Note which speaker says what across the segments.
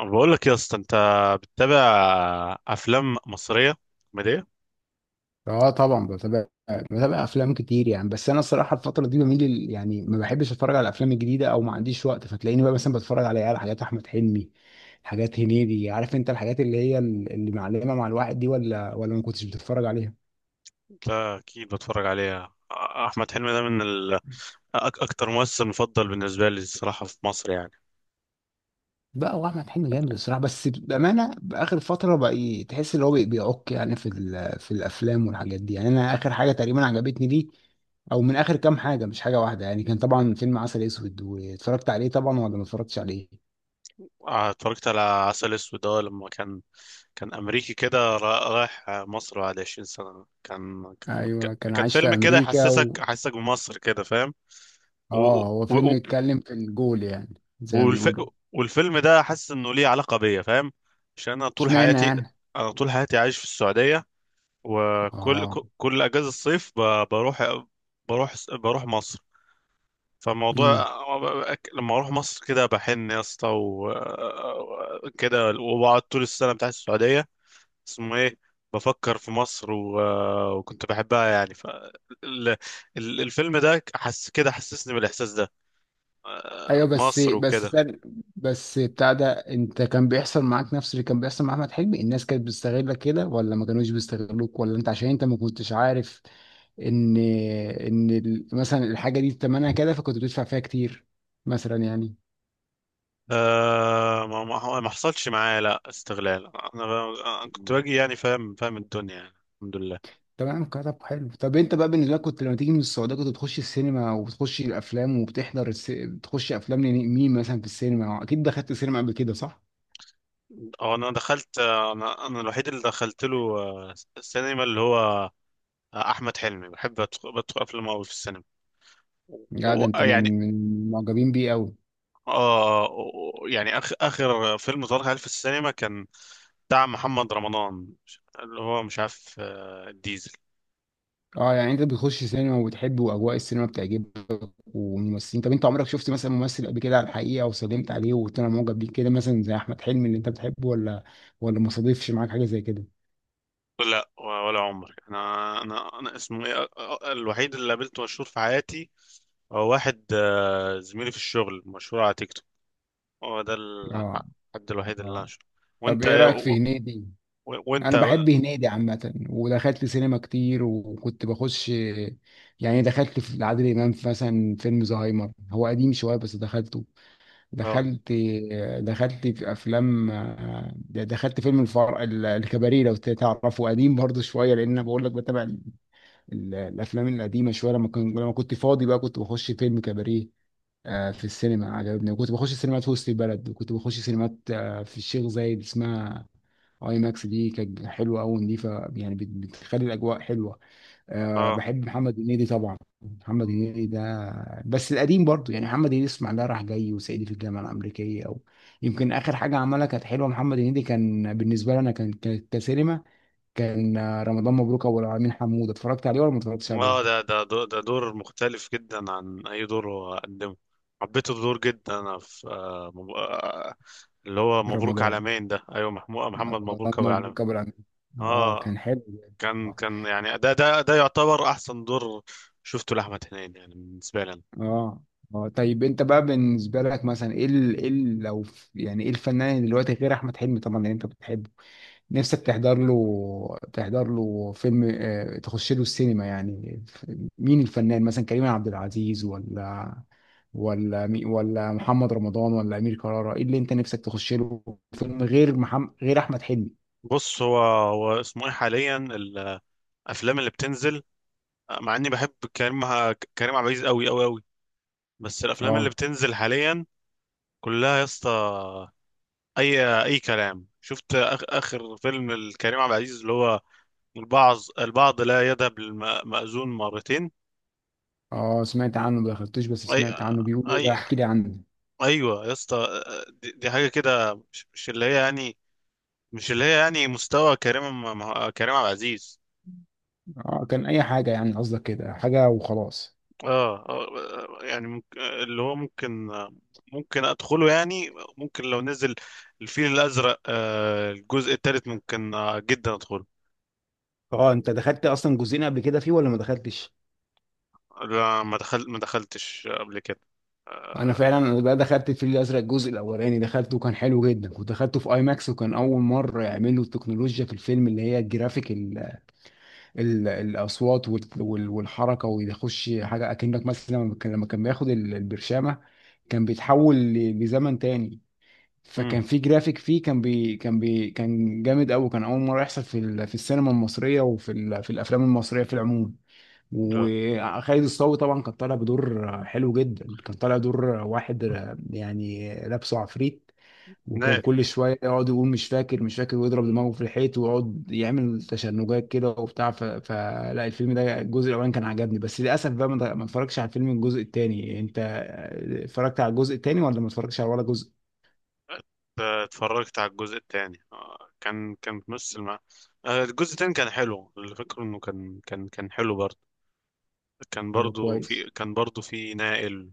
Speaker 1: أنا بقول لك يا اسطى، انت بتتابع افلام مصريه كوميديه؟
Speaker 2: اه، طبعا بتابع افلام كتير يعني. بس انا الصراحه الفتره دي بميل يعني ما بحبش اتفرج على الافلام الجديده، او ما عنديش وقت، فتلاقيني بقى مثلا بتفرج على حاجات احمد حلمي، حاجات هنيدي. عارف انت الحاجات اللي هي اللي معلمه مع الواحد دي، ولا ما كنتش بتتفرج عليها؟
Speaker 1: لا، اكيد بتفرج عليها. احمد حلمي ده أك- اكتر ممثل مفضل بالنسبه لي الصراحه في مصر يعني.
Speaker 2: بقى هو احمد حلمي جامد الصراحه، بس بامانه باخر فتره بقى تحس ان هو بيعك يعني في في الافلام والحاجات دي. يعني انا اخر حاجه تقريبا عجبتني دي، او من اخر كام حاجه، مش حاجه واحده يعني، كان طبعا فيلم عسل اسود. واتفرجت عليه طبعا، ولا ما اتفرجتش عليه؟
Speaker 1: اتفرجت على عسل اسود ده لما كان امريكي كده، رايح مصر بعد 20 سنه.
Speaker 2: ايوه، كان
Speaker 1: كان
Speaker 2: عايش في
Speaker 1: فيلم كده
Speaker 2: امريكا و
Speaker 1: يحسسك بمصر كده، فاهم. و... و...
Speaker 2: اه، هو فيلم
Speaker 1: و...
Speaker 2: يتكلم في الجول يعني زي ما
Speaker 1: والف...
Speaker 2: بيقولوا.
Speaker 1: والفيلم ده حاسس انه ليه علاقه بيا، فاهم. عشان
Speaker 2: اشمعنى يعني؟
Speaker 1: انا طول حياتي عايش في السعوديه، وكل
Speaker 2: اه.
Speaker 1: كل اجازه الصيف بروح مصر. فالموضوع
Speaker 2: امم.
Speaker 1: لما اروح مصر كده بحن يا اسطى كده، وبقعد طول السنه بتاعت السعوديه، اسمه ايه، بفكر في مصر، وكنت بحبها يعني. ال... الفيلم ده حس كده، حسسني بالاحساس ده،
Speaker 2: ايوه، بس
Speaker 1: مصر
Speaker 2: بس
Speaker 1: وكده.
Speaker 2: بس بتاع ده، انت كان بيحصل معاك نفس اللي كان بيحصل مع احمد حلمي؟ الناس كانت بتستغلك كده، ولا ما كانوش بيستغلوك؟ ولا انت عشان انت ما كنتش عارف ان مثلا الحاجه دي تمنها كده، فكنت بتدفع فيها كتير، مثلا يعني.
Speaker 1: أه، ما حصلش معايا لا استغلال، انا. أنا كنت باجي يعني، فاهم، فاهم الدنيا يعني، الحمد لله.
Speaker 2: تمام. كتب حلو. طب انت بقى بالنسبه لك، كنت لما تيجي من السعوديه كنت بتخش السينما، وبتخش الافلام، وبتحضر بتخش افلام لمين مثلا في السينما؟ اكيد دخلت السينما قبل كده صح؟
Speaker 1: اه، انا الوحيد اللي دخلت له، السينما اللي هو، احمد حلمي بحب بدخل افلامه قوي في السينما.
Speaker 2: لا، ده انت
Speaker 1: ويعني،
Speaker 2: من معجبين بيه قوي.
Speaker 1: يعني اخر فيلم ظهر هل في السينما كان بتاع محمد رمضان، اللي هو مش عارف، الديزل.
Speaker 2: اه، يعني انت بتخش سينما، وبتحب واجواء السينما بتعجبك، والممثلين. طب انت عمرك شفت مثلا ممثل قبل كده على الحقيقه، وسلمت عليه وقلت انا معجب بيه، كده مثلا زي احمد حلمي اللي انت بتحبه، ولا ما صادفش معاك حاجه زي كده؟
Speaker 1: لا، ولا عمر. انا اسمه ايه، الوحيد اللي قابلته مشهور في حياتي هو واحد، زميلي في الشغل، مشهور على تيك توك. هو ده
Speaker 2: اه،
Speaker 1: الحد الوحيد اللي انا
Speaker 2: اه.
Speaker 1: شفته.
Speaker 2: طب
Speaker 1: وانت؟
Speaker 2: ايه رايك في هنيدي؟
Speaker 1: وانت،
Speaker 2: انا
Speaker 1: اه.
Speaker 2: بحب هنيدي عامه، ودخلت سينما كتير، وكنت بخش، يعني دخلت في عادل امام في مثلا فيلم زهايمر، هو قديم شويه بس دخلته.
Speaker 1: اه،
Speaker 2: دخلت دخلت في افلام. دخلت فيلم الفار، الكباريه لو تعرفه، قديم برضه شويه، لان انا بقول لك بتابع الافلام القديمه شويه. لما كنت فاضي بقى، كنت بخش فيلم كباريه في السينما عجبني، وكنت بخش سينمات في وسط البلد، وكنت بخش سينمات في الشيخ زايد، اسمها اي ماكس، دي كانت حلوه قوي ونضيفه يعني، بتخلي الاجواء حلوه. بحب محمد هنيدي طبعا. محمد هنيدي ده بس القديم برضه، يعني محمد هنيدي اسمع، ده راح جاي وصعيدي في الجامعه الامريكيه، او يمكن اخر حاجه عملها كانت حلوه. محمد هنيدي كان بالنسبه لي انا، كسينما، كان رمضان مبروك ابو العالمين، حموده. اتفرجت عليه، ولا ما اتفرجتش
Speaker 1: اه،
Speaker 2: عليه؟
Speaker 1: ده دور مختلف جدا عن اي دور هو قدمه. حبيت الدور جدا، انا، في آه مب... آه اللي هو مبروك
Speaker 2: رمضان،
Speaker 1: عالمين ده. ايوه، محمد مبروك ابو العالمين.
Speaker 2: مبروك ابو العمل، اه،
Speaker 1: اه،
Speaker 2: كان حلو جدا. اه.
Speaker 1: كان يعني ده يعتبر احسن دور شفته لاحمد هنيدي يعني بالنسبه لي أنا.
Speaker 2: اه. آه. طيب انت بقى بالنسبه لك، مثلا ايه ايه يعني ايه الفنان دلوقتي غير احمد حلمي طبعا اللي انت بتحبه، نفسك تحضر له، فيلم، تخش له السينما؟ يعني مين الفنان؟ مثلا كريم عبد العزيز، ولا ولا محمد رمضان، ولا امير كرارة؟ ايه اللي انت نفسك تخش له فيلم، غير محمد، غير احمد حلمي؟
Speaker 1: بص، هو اسمه ايه، حاليا الافلام اللي بتنزل، مع اني بحب كريم عبد العزيز قوي قوي قوي، بس الافلام اللي
Speaker 2: اه،
Speaker 1: بتنزل حاليا كلها يا اسطى اي كلام. شفت اخر فيلم الكريم عبد العزيز اللي هو البعض لا يذهب للمأذون مرتين؟
Speaker 2: اه، سمعت عنه، ما دخلتوش، بس
Speaker 1: اي
Speaker 2: سمعت عنه بيقولوا
Speaker 1: اي
Speaker 2: بقى. احكي لي عنه.
Speaker 1: ايوه يا اسطى، دي حاجه كده، مش اللي هي يعني، مش اللي هي يعني مستوى كريم عبد العزيز.
Speaker 2: اه، كان اي حاجه، يعني قصدك كده حاجه وخلاص.
Speaker 1: اه، يعني ممكن، اللي هو ممكن، ادخله يعني. ممكن لو نزل الفيل الازرق، الجزء الثالث، ممكن جدا ادخله.
Speaker 2: اه، انت دخلت اصلا جزئين قبل كده فيه، ولا ما دخلتش؟
Speaker 1: لا، ما دخلتش قبل كده.
Speaker 2: انا فعلا بقى دخلت الفيل الازرق الجزء الاولاني، دخلته وكان حلو جدا، ودخلته في اي ماكس، وكان اول مره يعملوا التكنولوجيا في الفيلم، اللي هي الجرافيك، ال ال الاصوات والحركه، ويخش حاجه اكنك مثلا، لما كان بياخد البرشامه، كان بيتحول لزمن تاني.
Speaker 1: آه،
Speaker 2: فكان في جرافيك فيه، كان جامد قوي. كان اول مره يحصل في في السينما المصريه، وفي في الافلام المصريه في العموم.
Speaker 1: لا
Speaker 2: وخالد الصاوي طبعا كان طالع بدور حلو جدا، كان طالع دور واحد يعني، لابسه عفريت، وكان
Speaker 1: نقل
Speaker 2: كل شويه يقعد يقول: مش فاكر، مش فاكر، ويضرب دماغه في الحيط، ويقعد يعمل تشنجات كده وبتاع. فلا الفيلم ده الجزء الاولاني كان عجبني، بس للاسف بقى ما اتفرجتش على الفيلم الجزء التاني. انت اتفرجت على الجزء التاني، ولا ما اتفرجتش على ولا جزء؟
Speaker 1: آه، اتفرجت على الجزء الثاني. كان بنفس الم... آه، الجزء الثاني كان حلو. اللي فاكره انه كان حلو برضه،
Speaker 2: اه، كويس.
Speaker 1: كان برضه في نائل،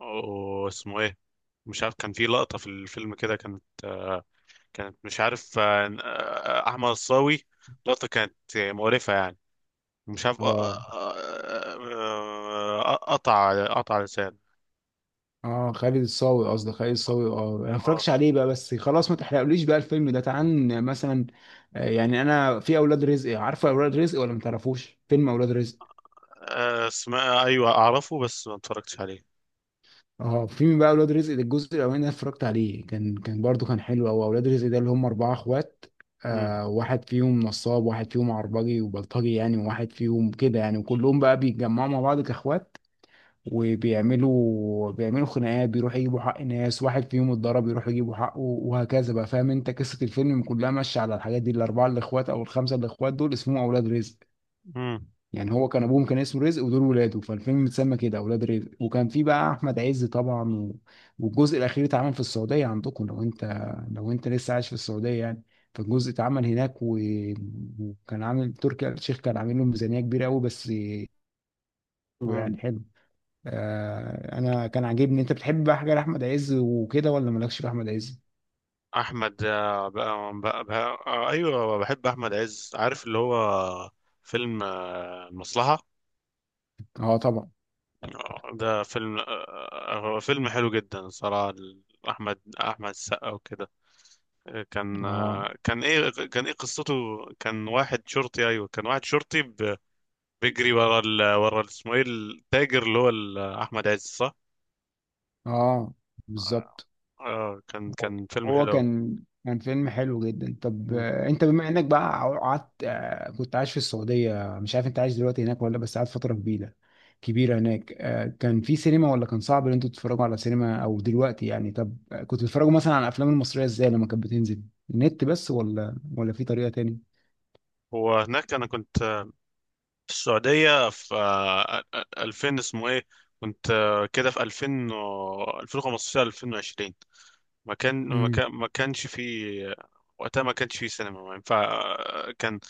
Speaker 1: واسمه ايه، مش عارف. كان في لقطة في الفيلم كده، كانت، كانت مش عارف، احمد الصاوي، لقطة كانت مقرفة يعني. مش عارف،
Speaker 2: اه،
Speaker 1: قطع، لسان.
Speaker 2: اه، خالد الصاوي، قصدي خالد الصاوي، اه انا ما
Speaker 1: اه،
Speaker 2: اتفرجتش عليه بقى، بس خلاص ما تحرقليش بقى الفيلم ده. تعال مثلا، يعني انا في اولاد رزق. عارفه اولاد رزق، ولا ما تعرفوش فيلم اولاد رزق؟
Speaker 1: اسمها ايوه، اعرفه بس ما اتفرجتش عليه.
Speaker 2: اه، فيلم بقى اولاد رزق ده، الجزء الاولاني ده اتفرجت عليه، كان برضو كان حلو. او اولاد رزق ده اللي هم اربعه اخوات،
Speaker 1: مم.
Speaker 2: واحد فيهم نصاب، واحد فيهم عربجي وبلطجي يعني، وواحد فيهم كده يعني، وكلهم بقى بيتجمعوا مع بعض كاخوات، وبيعملوا خناقات، بيروحوا يجيبوا حق ناس، واحد فيهم اتضرب يروحوا يجيبوا حقه، وهكذا بقى. فاهم انت قصة الفيلم كلها ماشية على الحاجات دي. الأربعة الإخوات أو الخمسة الإخوات دول اسمهم أولاد رزق.
Speaker 1: مم.
Speaker 2: يعني هو كان أبوهم كان اسمه رزق، ودول ولاده، فالفيلم اتسمى كده أولاد رزق. وكان في بقى أحمد عز طبعا و والجزء الأخير اتعمل في السعودية عندكم، لو أنت لسه عايش في السعودية يعني. فالجزء اتعمل هناك و وكان عامل تركي آل الشيخ كان عامل له ميزانية كبيرة قوي، بس حلو
Speaker 1: مم.
Speaker 2: يعني، حلو. انا كان عاجبني. انت بتحب بقى حاجه لاحمد عز وكده، ولا مالكش في احمد عز؟
Speaker 1: احمد، بقى، ايوه، بحب احمد عز. عارف اللي هو فيلم، المصلحه؟
Speaker 2: اه طبعا.
Speaker 1: ده فيلم، هو فيلم حلو جدا صراحه. احمد السقا وكده. كان،
Speaker 2: اه،
Speaker 1: كان ايه، قصته؟ كان واحد شرطي، ايوه، كان واحد شرطي بيجري ورا ورا اسمه ايه، التاجر، اللي هو احمد عز، صح؟
Speaker 2: اه. بالظبط.
Speaker 1: كان فيلم
Speaker 2: هو
Speaker 1: حلو أوي.
Speaker 2: كان، فيلم حلو جدا. طب
Speaker 1: مم.
Speaker 2: انت بما انك بقى قعدت، كنت عايش في السعوديه، مش عارف انت عايش دلوقتي هناك، ولا بس قعدت فتره كبيره كبيره هناك. كان في سينما، ولا كان صعب ان انتوا تتفرجوا على سينما او دلوقتي يعني؟ طب كنتوا بتتفرجوا مثلا على الافلام المصريه ازاي لما كانت بتنزل؟ النت بس، ولا في طريقه تاني؟
Speaker 1: وهناك انا كنت في السعودية في 2000، اسمه ايه. كنت كده في 2000 2015 2020.
Speaker 2: امم.
Speaker 1: ما كانش في وقتها، ما كانش في سينما، ما ينفع. آه، كان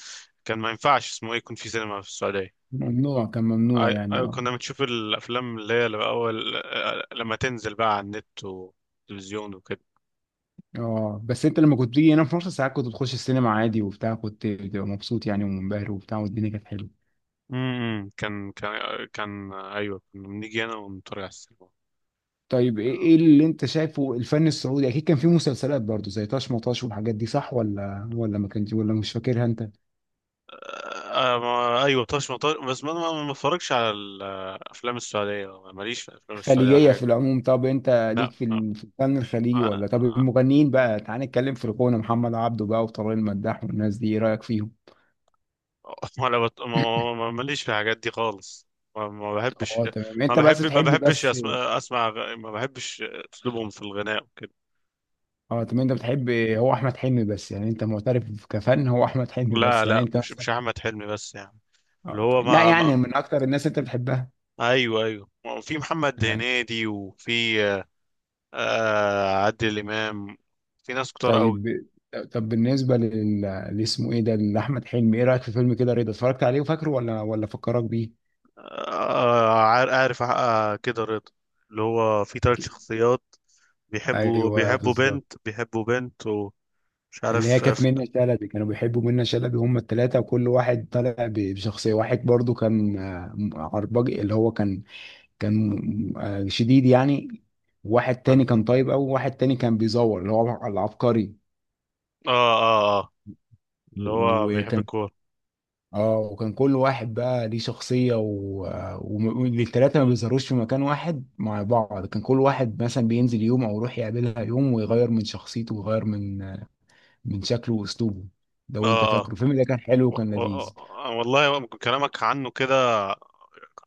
Speaker 1: كان ما ينفعش اسمه ايه يكون في سينما في السعودية.
Speaker 2: ممنوع، كان ممنوع يعني، اه.
Speaker 1: كنا بنشوف الافلام اللي هي الاول، لما تنزل بقى على النت والتلفزيون وكده.
Speaker 2: اه، بس انت لما كنت بتيجي هنا في مصر ساعات كنت بتخش السينما عادي وبتاع، كنت بتبقى مبسوط يعني ومنبهر وبتاع، والدنيا كانت حلوه.
Speaker 1: كان، كان، ايوه، كنا بنيجي هنا ونتفرج على السينما.
Speaker 2: طيب، ايه اللي انت شايفه الفن السعودي؟ اكيد كان فيه مسلسلات برضو زي طاش مطاش والحاجات دي، صح؟ ولا ما كانش؟ ولا مش فاكرها انت؟
Speaker 1: آه، ما، ايوه، طرش مطار. بس ما بتفرجش على الافلام السعوديه، ماليش في الافلام السعوديه
Speaker 2: خليجيه
Speaker 1: والحاجات
Speaker 2: في
Speaker 1: دي.
Speaker 2: العموم. طب انت ليك
Speaker 1: لا،
Speaker 2: في
Speaker 1: لا.
Speaker 2: في الفن الخليجي،
Speaker 1: آه،
Speaker 2: ولا؟ طب المغنيين بقى، تعال نتكلم في الغنى: محمد عبده بقى، وطارق المداح، والناس دي، ايه رايك فيهم؟
Speaker 1: ما ماليش في الحاجات دي خالص. ما بحبش.
Speaker 2: اه تمام. انت بس
Speaker 1: ما
Speaker 2: بتحب
Speaker 1: بحبش
Speaker 2: بس.
Speaker 1: اسمع، ما بحبش اسلوبهم في الغناء وكده.
Speaker 2: اه تمام، انت بتحب هو احمد حلمي بس يعني، انت معترف كفن هو احمد حلمي
Speaker 1: لا،
Speaker 2: بس يعني
Speaker 1: لا،
Speaker 2: انت؟
Speaker 1: مش احمد حلمي بس يعني. اللي
Speaker 2: آه.
Speaker 1: هو
Speaker 2: لا
Speaker 1: ما, ما...
Speaker 2: يعني من اكتر الناس انت بتحبها.
Speaker 1: ايوه، ايوه. في محمد
Speaker 2: أيوة.
Speaker 1: هنيدي، وفي عادل امام، في ناس كتار قوي.
Speaker 2: طيب. بالنسبه اللي اسمه ايه ده، لاحمد حلمي، ايه رايك في فيلم كده رضا؟ اتفرجت عليه وفاكره، ولا فكرك بيه؟
Speaker 1: عارف كده رضا، اللي هو في ثلاث شخصيات،
Speaker 2: ايوه،
Speaker 1: بيحبوا
Speaker 2: بالظبط.
Speaker 1: بنت، ومش
Speaker 2: اللي هي
Speaker 1: عارف. اه.
Speaker 2: كانت منة شلبي، كانوا بيحبوا منة شلبي هم الثلاثه، وكل واحد طالع بشخصيه. واحد برضو كان عرباج اللي هو كان، كان شديد يعني. واحد تاني كان طيب قوي، وواحد تاني كان بيزور، اللي هو العبقري.
Speaker 1: اه. اه آه، اللي هو بيحب
Speaker 2: وكان،
Speaker 1: الكورة.
Speaker 2: اه وكان كل واحد بقى ليه شخصية. و- والتلاتة ما بيظهروش في مكان واحد مع بعض، كان كل واحد مثلا بينزل يوم، او يروح يقابلها يوم، ويغير من شخصيته، ويغير من شكله واسلوبه، لو انت
Speaker 1: اه، اه،
Speaker 2: فاكره الفيلم ده، كان حلو
Speaker 1: و-
Speaker 2: وكان
Speaker 1: و-
Speaker 2: لذيذ.
Speaker 1: والله كلامك عنه كده،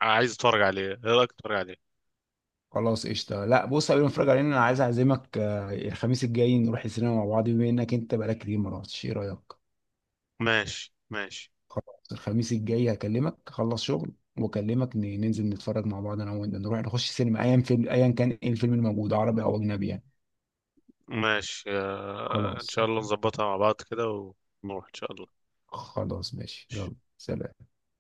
Speaker 1: عايز اتفرج عليه. ايه رأيك، اتفرج عليه؟
Speaker 2: خلاص، قشطة. لا، بص، قبل ما نتفرج عليه انا عايز اعزمك، الخميس الجاي نروح السينما مع بعض، بما انك انت بقالك كتير ما رحتش، ايه رأيك؟
Speaker 1: ماشي، ماشي.
Speaker 2: خلاص، الخميس الجاي هكلمك، اخلص شغل واكلمك، ننزل نتفرج مع بعض، انا وانت، نروح نخش سينما ايا فيلم، ايا كان ايه الفيلم الموجود، عربي او اجنبي يعني.
Speaker 1: ماشي، ان
Speaker 2: خلاص.
Speaker 1: شاء الله نظبطها مع بعض كده، ونروح ان شاء الله.
Speaker 2: خلاص ماشي،
Speaker 1: ماشي.
Speaker 2: يلا سلام.